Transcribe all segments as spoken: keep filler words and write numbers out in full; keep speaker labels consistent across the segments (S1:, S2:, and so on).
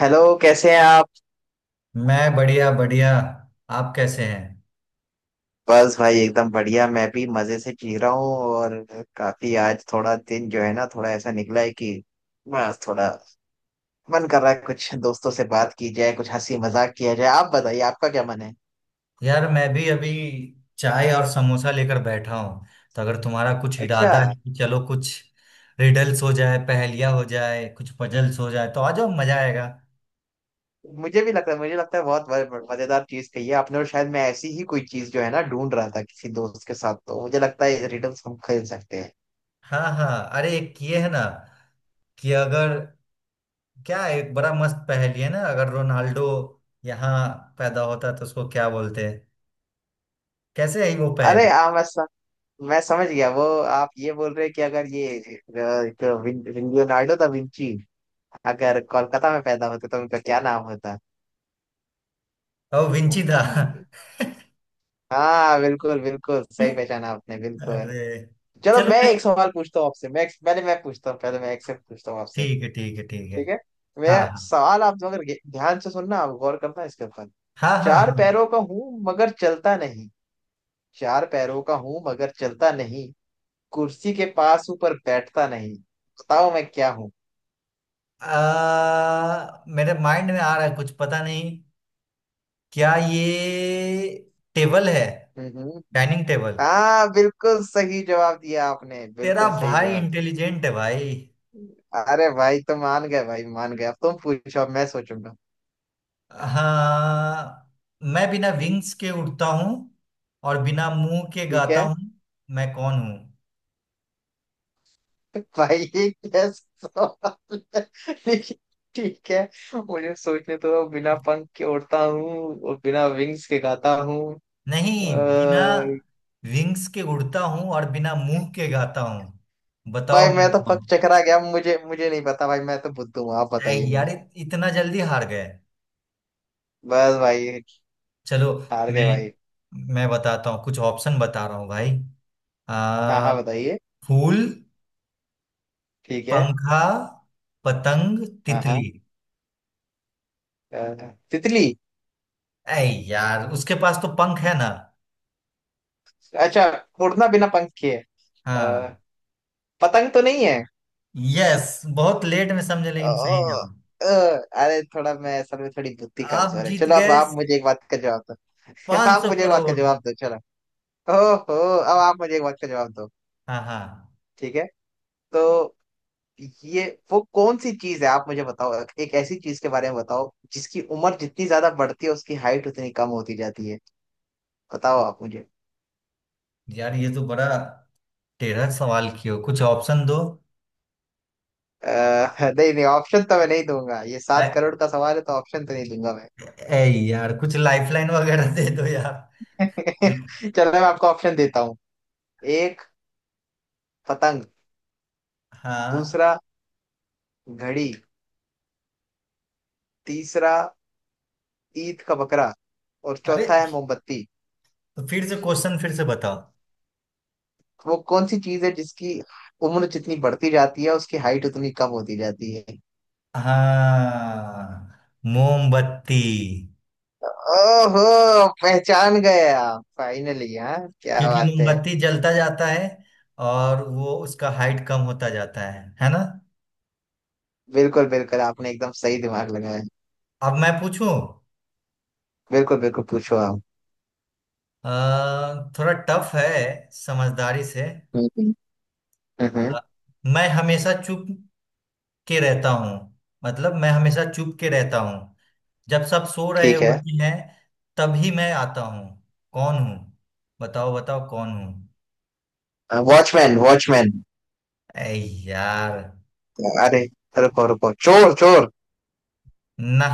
S1: Hello, कैसे हैं आप?
S2: मैं बढ़िया बढ़िया। आप कैसे हैं?
S1: बस भाई एकदम बढ़िया। मैं भी मजे से जी रहा हूँ। और काफी आज थोड़ा दिन जो है ना थोड़ा ऐसा निकला है कि बस थोड़ा मन कर रहा है कुछ दोस्तों से बात की जाए, कुछ हंसी मजाक किया जाए। आप बताइए, आपका क्या मन है?
S2: यार, मैं भी अभी चाय और समोसा लेकर बैठा हूँ। तो अगर तुम्हारा कुछ
S1: अच्छा।
S2: इरादा है कि चलो कुछ रिडल्स हो जाए, पहेलियाँ हो जाए, कुछ पजल्स हो जाए, तो आ जाओ, मजा आएगा।
S1: मुझे भी लगता है मुझे लगता है बहुत ब- मजेदार चीज कही है आपने। और शायद मैं ऐसी ही कोई चीज जो है ना ढूंढ रहा था किसी दोस्त के साथ। तो मुझे लगता है रिडल्स हम खेल सकते हैं।
S2: हाँ हाँ, अरे एक ये है ना कि अगर क्या है, एक बड़ा मस्त पहेली है ना, अगर रोनाल्डो यहाँ पैदा होता तो उसको क्या बोलते हैं? कैसे है वो
S1: अरे,
S2: पहेली?
S1: आ, मैं स- मैं समझ गया वो। आप ये बोल रहे हैं कि अगर ये अ, एक लियोनार्डो दा विंची अगर कोलकाता में पैदा होते तो उनका क्या नाम होता?
S2: ओ विंची था।
S1: हाँ, बिल्कुल। बिल्कुल सही पहचाना आपने। बिल्कुल।
S2: अरे,
S1: चलो
S2: चलो
S1: मैं
S2: मैं
S1: एक सवाल पूछता हूँ आपसे। मैं पहले, मैं पूछता हूँ पहले, मैं एक से पूछता हूँ आपसे।
S2: ठीक है, ठीक है, ठीक है।
S1: ठीक है।
S2: हाँ
S1: मैं
S2: हाँ
S1: सवाल, आप अगर ध्यान से सुनना। आप गौर करना इसके ऊपर।
S2: हाँ, हाँ
S1: चार
S2: हाँ।
S1: पैरों का हूँ मगर चलता नहीं। चार पैरों का हूँ मगर चलता नहीं। कुर्सी के पास ऊपर बैठता नहीं। बताओ मैं क्या हूँ?
S2: आ, मेरे माइंड में आ रहा है कुछ, पता नहीं। क्या ये टेबल है?
S1: हम्म हम्म।
S2: Dining table.
S1: हाँ, बिल्कुल सही जवाब दिया आपने।
S2: तेरा
S1: बिल्कुल सही
S2: भाई
S1: जवाब दिया।
S2: इंटेलिजेंट है भाई।
S1: अरे भाई, तो मान गए भाई, मान गए। अब तुम पूछो, अब मैं सोचूंगा।
S2: हाँ। मैं बिना विंग्स के उड़ता हूँ और बिना मुंह के
S1: ठीक
S2: गाता
S1: है।
S2: हूँ। मैं कौन हूँ?
S1: भाई ये कैसा सवाल है? ठीक। ठीक है। मुझे सोचने तो दो। बिना पंख के उड़ता हूँ और बिना विंग्स के गाता हूँ।
S2: नहीं, बिना
S1: अ,
S2: विंग्स के उड़ता हूँ और बिना मुंह के गाता हूँ।
S1: भाई
S2: बताओ मैं
S1: मैं तो
S2: कौन
S1: पक
S2: हूँ?
S1: चकरा गया। मुझे मुझे नहीं पता भाई। मैं तो बुद्धू हूँ, आप
S2: ऐ
S1: बताइए
S2: यार,
S1: मुझे।
S2: इत- इतना जल्दी हार गए?
S1: बस भाई,
S2: चलो,
S1: हार गए
S2: मैं
S1: भाई।
S2: मैं बताता हूँ। कुछ ऑप्शन बता रहा हूँ भाई।
S1: हाँ
S2: आ,
S1: हाँ, बताइए।
S2: फूल,
S1: ठीक है।
S2: पंखा, पतंग,
S1: हाँ हाँ,
S2: तितली।
S1: अ, तितली।
S2: ऐ यार, उसके पास तो पंख है ना।
S1: अच्छा, उड़ना बिना पंख के है।
S2: हाँ।
S1: अ, पतंग तो नहीं है।
S2: यस, बहुत लेट में समझे लेकिन सही
S1: ओ,
S2: जवाब।
S1: ओ, अरे थोड़ा मैं असल में थोड़ी बुद्धि
S2: आप
S1: कमजोर है।
S2: जीत
S1: चलो अब
S2: गए
S1: आप मुझे एक बात का जवाब दो।
S2: पांच
S1: आप
S2: सौ
S1: मुझे एक बात का
S2: करोड़
S1: जवाब दो, चलो। ओहो। अब आप मुझे एक बात का जवाब दो।
S2: हाँ हाँ,
S1: ठीक है। तो ये वो कौन सी चीज है, आप मुझे बताओ। एक ऐसी चीज के बारे में बताओ जिसकी उम्र जितनी ज्यादा बढ़ती है उसकी हाइट उतनी कम होती जाती है। बताओ आप मुझे।
S2: यार ये तो बड़ा टेढ़ा सवाल किया। कुछ ऑप्शन दो।
S1: आ, नहीं नहीं, ऑप्शन तो मैं नहीं दूंगा। ये
S2: ऐ,
S1: सात करोड़ का सवाल है, तो ऑप्शन तो नहीं दूंगा मैं।
S2: ऐ यार कुछ लाइफलाइन वगैरह दे दो यार।
S1: चलो मैं आपको ऑप्शन देता हूँ। एक, पतंग।
S2: हाँ।
S1: दूसरा, घड़ी। तीसरा, ईद का बकरा। और
S2: अरे,
S1: चौथा है मोमबत्ती।
S2: तो फिर से क्वेश्चन, फिर से बताओ।
S1: वो कौन सी चीज है जिसकी उम्र जितनी बढ़ती जाती है उसकी हाइट उतनी कम होती जाती है?
S2: हाँ, मोमबत्ती।
S1: ओहो, पहचान गए आप फाइनली। हाँ, क्या
S2: क्योंकि
S1: बात है।
S2: मोमबत्ती जलता जाता है और वो उसका हाइट कम होता जाता है है ना।
S1: बिल्कुल बिल्कुल, आपने एकदम सही दिमाग लगाया।
S2: अब मैं पूछूं।
S1: बिल्कुल बिल्कुल, पूछो आप।
S2: अ, थोड़ा टफ है, समझदारी से।
S1: हम्म
S2: अ,
S1: हम्म,
S2: मैं हमेशा चुप के रहता हूँ। मतलब मैं हमेशा चुप के रहता हूँ। जब सब सो रहे
S1: ठीक है।
S2: होते हैं तभी मैं आता हूँ। कौन हूँ? बताओ बताओ कौन हूँ?
S1: वॉचमैन! वॉचमैन!
S2: ऐ यार,
S1: अरे, रुको रुको, चोर चोर!
S2: ना।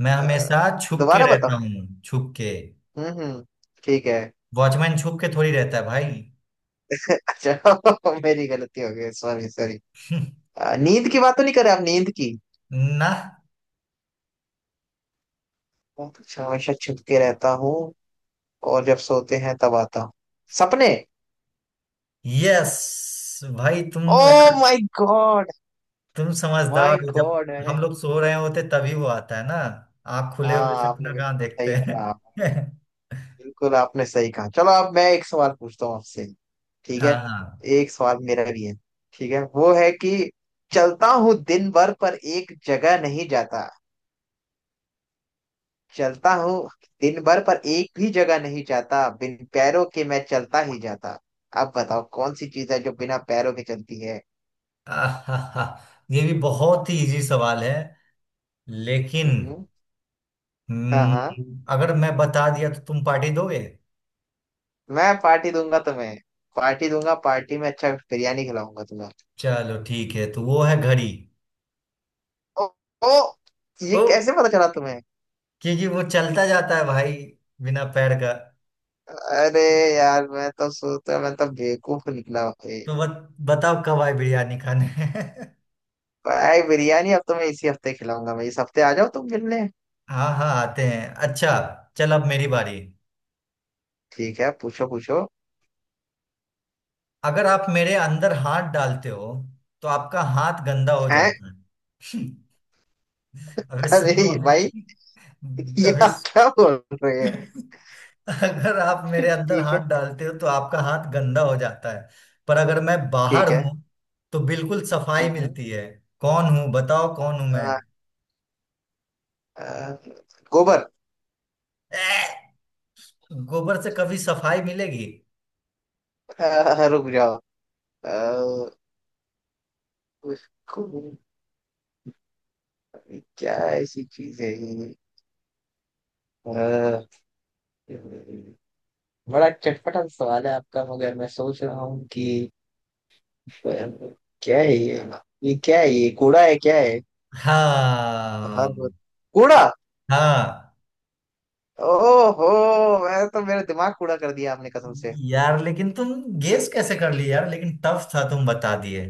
S2: मैं
S1: अ,
S2: हमेशा छुप के
S1: दोबारा बताओ।
S2: रहता हूँ, छुप के।
S1: हम्म हम्म, ठीक है।
S2: वॉचमैन छुप के थोड़ी रहता है भाई।
S1: अच्छा, मेरी गलती हो गई। Sorry sorry. आ, नींद की बात तो नहीं कर रहे आप? नींद की।
S2: ना।
S1: मैं तो हमेशा छुप के रहता हूँ और जब सोते हैं तब आता हूँ। सपने!
S2: यस। भाई तुम
S1: ओ
S2: यार,
S1: माय गॉड!
S2: तुम समझदार
S1: माय
S2: हो। जब
S1: गॉड! मैंने।
S2: हम लोग सो रहे होते तभी वो आता है ना। आँख खुले हुए
S1: हाँ, आपने
S2: सपना कहाँ
S1: बिल्कुल
S2: देखते
S1: सही कहा।
S2: हैं?
S1: बिल्कुल, आपने सही कहा। चलो अब मैं एक सवाल पूछता हूँ आपसे। ठीक
S2: हाँ
S1: है।
S2: हाँ।
S1: एक सवाल मेरा भी है। ठीक है, वो है कि चलता हूँ दिन भर पर एक जगह नहीं जाता। चलता हूँ दिन भर पर एक भी जगह नहीं जाता। बिन पैरों के मैं चलता ही जाता। अब बताओ कौन सी चीज है जो बिना पैरों के चलती है?
S2: आहाहा, ये भी बहुत ही इजी सवाल है लेकिन।
S1: हम्म, हाँ हाँ,
S2: हम्म, अगर मैं बता दिया तो तुम पार्टी दोगे?
S1: मैं पार्टी दूंगा तुम्हें। पार्टी दूंगा, पार्टी में अच्छा बिरयानी खिलाऊंगा तुम्हें।
S2: चलो ठीक है, तो वो है घड़ी।
S1: ओ, ओ, ये
S2: ओ।
S1: कैसे पता चला तुम्हें?
S2: क्योंकि वो चलता जाता है भाई, बिना पैर का।
S1: अरे यार, मैं तो सोचता, मैं तो बेवकूफ निकला भाई।
S2: तो बत, बताओ कब आए बिरयानी खाने?
S1: भाई, बिरयानी अब तुम्हें इसी हफ्ते खिलाऊंगा मैं। इस हफ्ते आ जाओ तुम मिलने।
S2: हाँ हाँ, आते हैं अच्छा। चल, अब मेरी बारी।
S1: ठीक है, पूछो पूछो।
S2: अगर आप मेरे अंदर हाथ डालते हो तो आपका हाथ गंदा हो
S1: हैं?
S2: जाता है। अबे सुन लो
S1: अरे भाई,
S2: अभी।
S1: ये
S2: अबे
S1: आप क्या
S2: सु-
S1: बोल रहे?
S2: अगर आप मेरे अंदर
S1: ठीक है।
S2: हाथ डालते हो तो आपका हाथ गंदा हो जाता है। पर अगर मैं बाहर
S1: ठीक है।
S2: हूं तो बिल्कुल सफाई
S1: हम्म हम्म।
S2: मिलती है। कौन हूं? बताओ कौन हूं मैं?
S1: आ, आ, गोबर।
S2: ए, गोबर से कभी सफाई मिलेगी?
S1: आ, रुक जाओ। आ, उसको क्या ऐसी चीज है ये? आ, बड़ा चटपटा सवाल है आपका, मगर मैं सोच रहा हूँ कि आ, क्या है ये। ये क्या है? ये कूड़ा है? क्या है? हर रोज-
S2: हाँ।
S1: कूड़ा।
S2: हाँ
S1: ओहो, मैं तो मेरा दिमाग कूड़ा कर दिया आपने, कसम से।
S2: यार, लेकिन तुम गेस कैसे कर लिए यार? लेकिन टफ था, तुम बता दिए।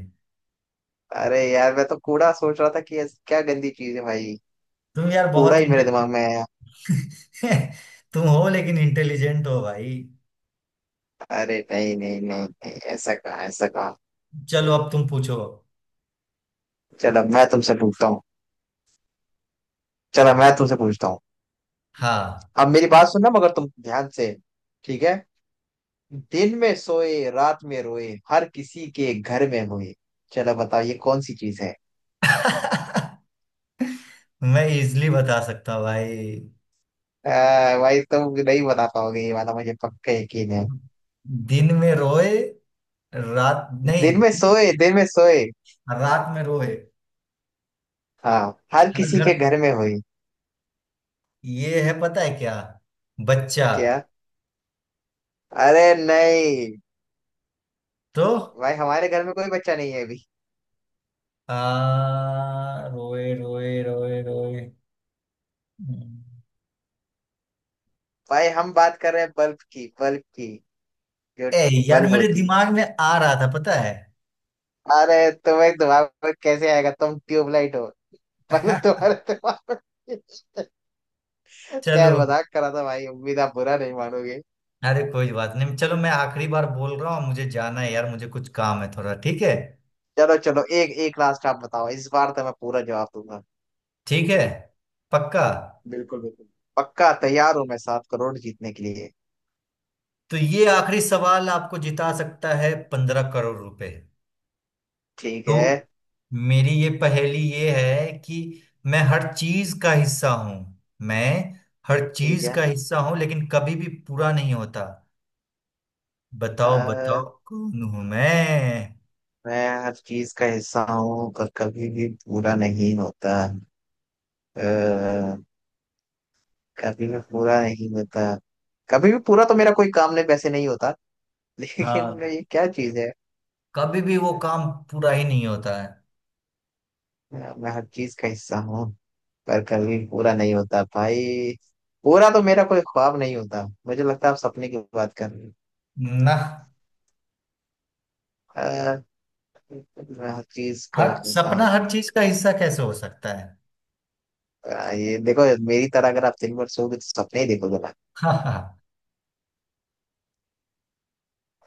S1: अरे यार, मैं तो कूड़ा सोच रहा था कि ऐसी क्या गंदी चीज है भाई।
S2: तुम यार
S1: कूड़ा
S2: बहुत
S1: ही मेरे
S2: इंटेलिजेंट।
S1: दिमाग में है।
S2: तुम हो, लेकिन इंटेलिजेंट हो भाई।
S1: अरे नहीं नहीं नहीं नहीं, ऐसा कहा, ऐसा कहा।
S2: चलो, अब तुम पूछो।
S1: चलो मैं तुमसे पूछता हूँ। चलो मैं तुमसे पूछता हूँ।
S2: हाँ।
S1: अब मेरी बात सुनना मगर तुम ध्यान से। ठीक है। दिन में सोए, रात में रोए, हर किसी के घर में होए। चलो बताओ ये कौन सी चीज है?
S2: मैं इजली बता सकता हूँ भाई।
S1: आ, भाई तुम नहीं बता पाओगे ये वाला, मुझे पक्का यकीन है।
S2: दिन में रोए, रात नहीं,
S1: दिन में
S2: दिन-
S1: सोए, दिन में सोए।
S2: रात में रोए,
S1: हाँ। हर
S2: हर
S1: किसी
S2: घर।
S1: के घर में हुई।
S2: ये है, पता है क्या? बच्चा।
S1: क्या? अरे नहीं।
S2: तो
S1: भाई हमारे घर में कोई बच्चा नहीं है अभी।
S2: आ, रोए, रोए, रोए, रोए।
S1: भाई हम बात कर रहे हैं बल्ब की, बल्ब की, जो
S2: ए यार,
S1: बल्ब
S2: मेरे
S1: होती।
S2: दिमाग में आ रहा था, पता है।
S1: अरे, तुम्हें दिमाग में कैसे आएगा, तुम ट्यूबलाइट हो। पर तुम्हारे दिमाग में।
S2: चलो।
S1: खैर, मजाक करा था भाई, उम्मीद आप बुरा नहीं मानोगे।
S2: अरे कोई बात नहीं। चलो, मैं आखिरी बार बोल रहा हूँ, मुझे जाना है यार, मुझे कुछ काम है थोड़ा, ठीक है?
S1: चलो चलो, एक एक लास्ट आप बताओ, इस बार तो मैं पूरा जवाब दूंगा।
S2: ठीक है, पक्का।
S1: बिल्कुल बिल्कुल। पक्का तैयार हूं मैं सात करोड़ जीतने के लिए।
S2: तो ये आखिरी सवाल आपको जिता सकता है पंद्रह करोड़ रुपए।
S1: ठीक है।
S2: तो मेरी ये पहेली ये है कि मैं हर चीज का हिस्सा हूं। मैं हर
S1: ठीक
S2: चीज
S1: है।
S2: का हिस्सा हूं लेकिन कभी भी पूरा नहीं होता। बताओ बताओ
S1: अ,
S2: कौन हूं मैं?
S1: मैं हर चीज का हिस्सा हूँ पर कभी भी पूरा नहीं होता। आ, कभी भी पूरा नहीं होता। कभी भी पूरा तो मेरा कोई काम नहीं वैसे नहीं होता। लेकिन
S2: हाँ,
S1: मैं- ये क्या चीज है?
S2: कभी भी वो काम पूरा ही नहीं होता है
S1: मैं हर चीज का हिस्सा हूँ पर कभी पूरा नहीं होता भाई। पूरा तो मेरा कोई ख्वाब नहीं होता, मुझे लगता है आप सपने की बात कर रहे हो।
S2: ना।
S1: अ, मैं हर चीज का
S2: हर
S1: होता
S2: सपना
S1: हूँ।
S2: हर चीज का हिस्सा कैसे हो सकता है?
S1: अ, ये देखो। मेरी तरह अगर आप दिन भर सोओगे तो सपने ही देखोगे ना।
S2: हाँ हाँ हाँ।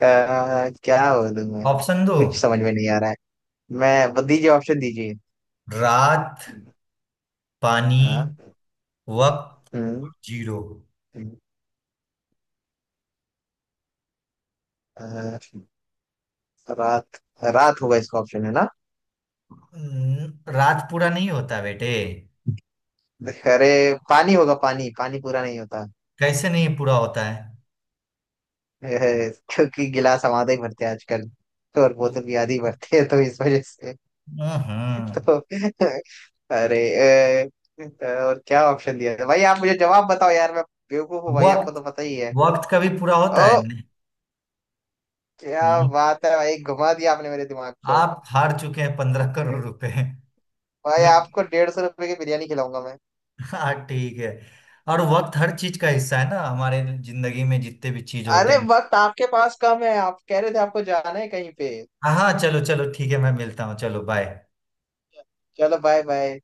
S1: अ, क्या बोलूं मैं।
S2: ऑप्शन दो।
S1: कुछ समझ में नहीं आ रहा है। मैं बस, दीजिए ऑप्शन दीजिए।
S2: रात, पानी,
S1: हाँ।
S2: वक्त,
S1: हम्म
S2: जीरो।
S1: हम्म। अ, रात, रात होगा इसका ऑप्शन है ना।
S2: न- रात पूरा नहीं होता बेटे।
S1: अरे, पानी होगा, पानी, पानी पूरा नहीं होता।
S2: कैसे नहीं पूरा होता है?
S1: है। क्योंकि गिलास हमारे ही भरते हैं आजकल। तो और बोतल भी आधी भरते हैं, तो इस वजह से।
S2: हम्म हम्म।
S1: तो अरे। अ, और क्या ऑप्शन दिया था भाई? आप मुझे जवाब बताओ यार, मैं बेवकूफ हूँ भाई, आपको
S2: वक्त।
S1: तो पता ही है।
S2: वक्त कभी पूरा होता
S1: ओ,
S2: है नहीं।
S1: क्या
S2: नहीं।
S1: बात है भाई, घुमा दिया आपने मेरे दिमाग को।
S2: आप हार चुके हैं पंद्रह करोड़ रुपए।
S1: भाई आपको डेढ़ सौ रुपए की बिरयानी खिलाऊंगा मैं।
S2: हाँ ठीक है। और वक्त हर चीज का हिस्सा है ना, हमारे जिंदगी में जितने भी चीज होते
S1: अरे,
S2: हैं।
S1: वक्त आपके पास कम है, आप कह रहे थे आपको जाना है कहीं पे।
S2: हाँ हाँ, चलो चलो ठीक है, मैं मिलता हूँ। चलो बाय।
S1: चलो, बाय बाय।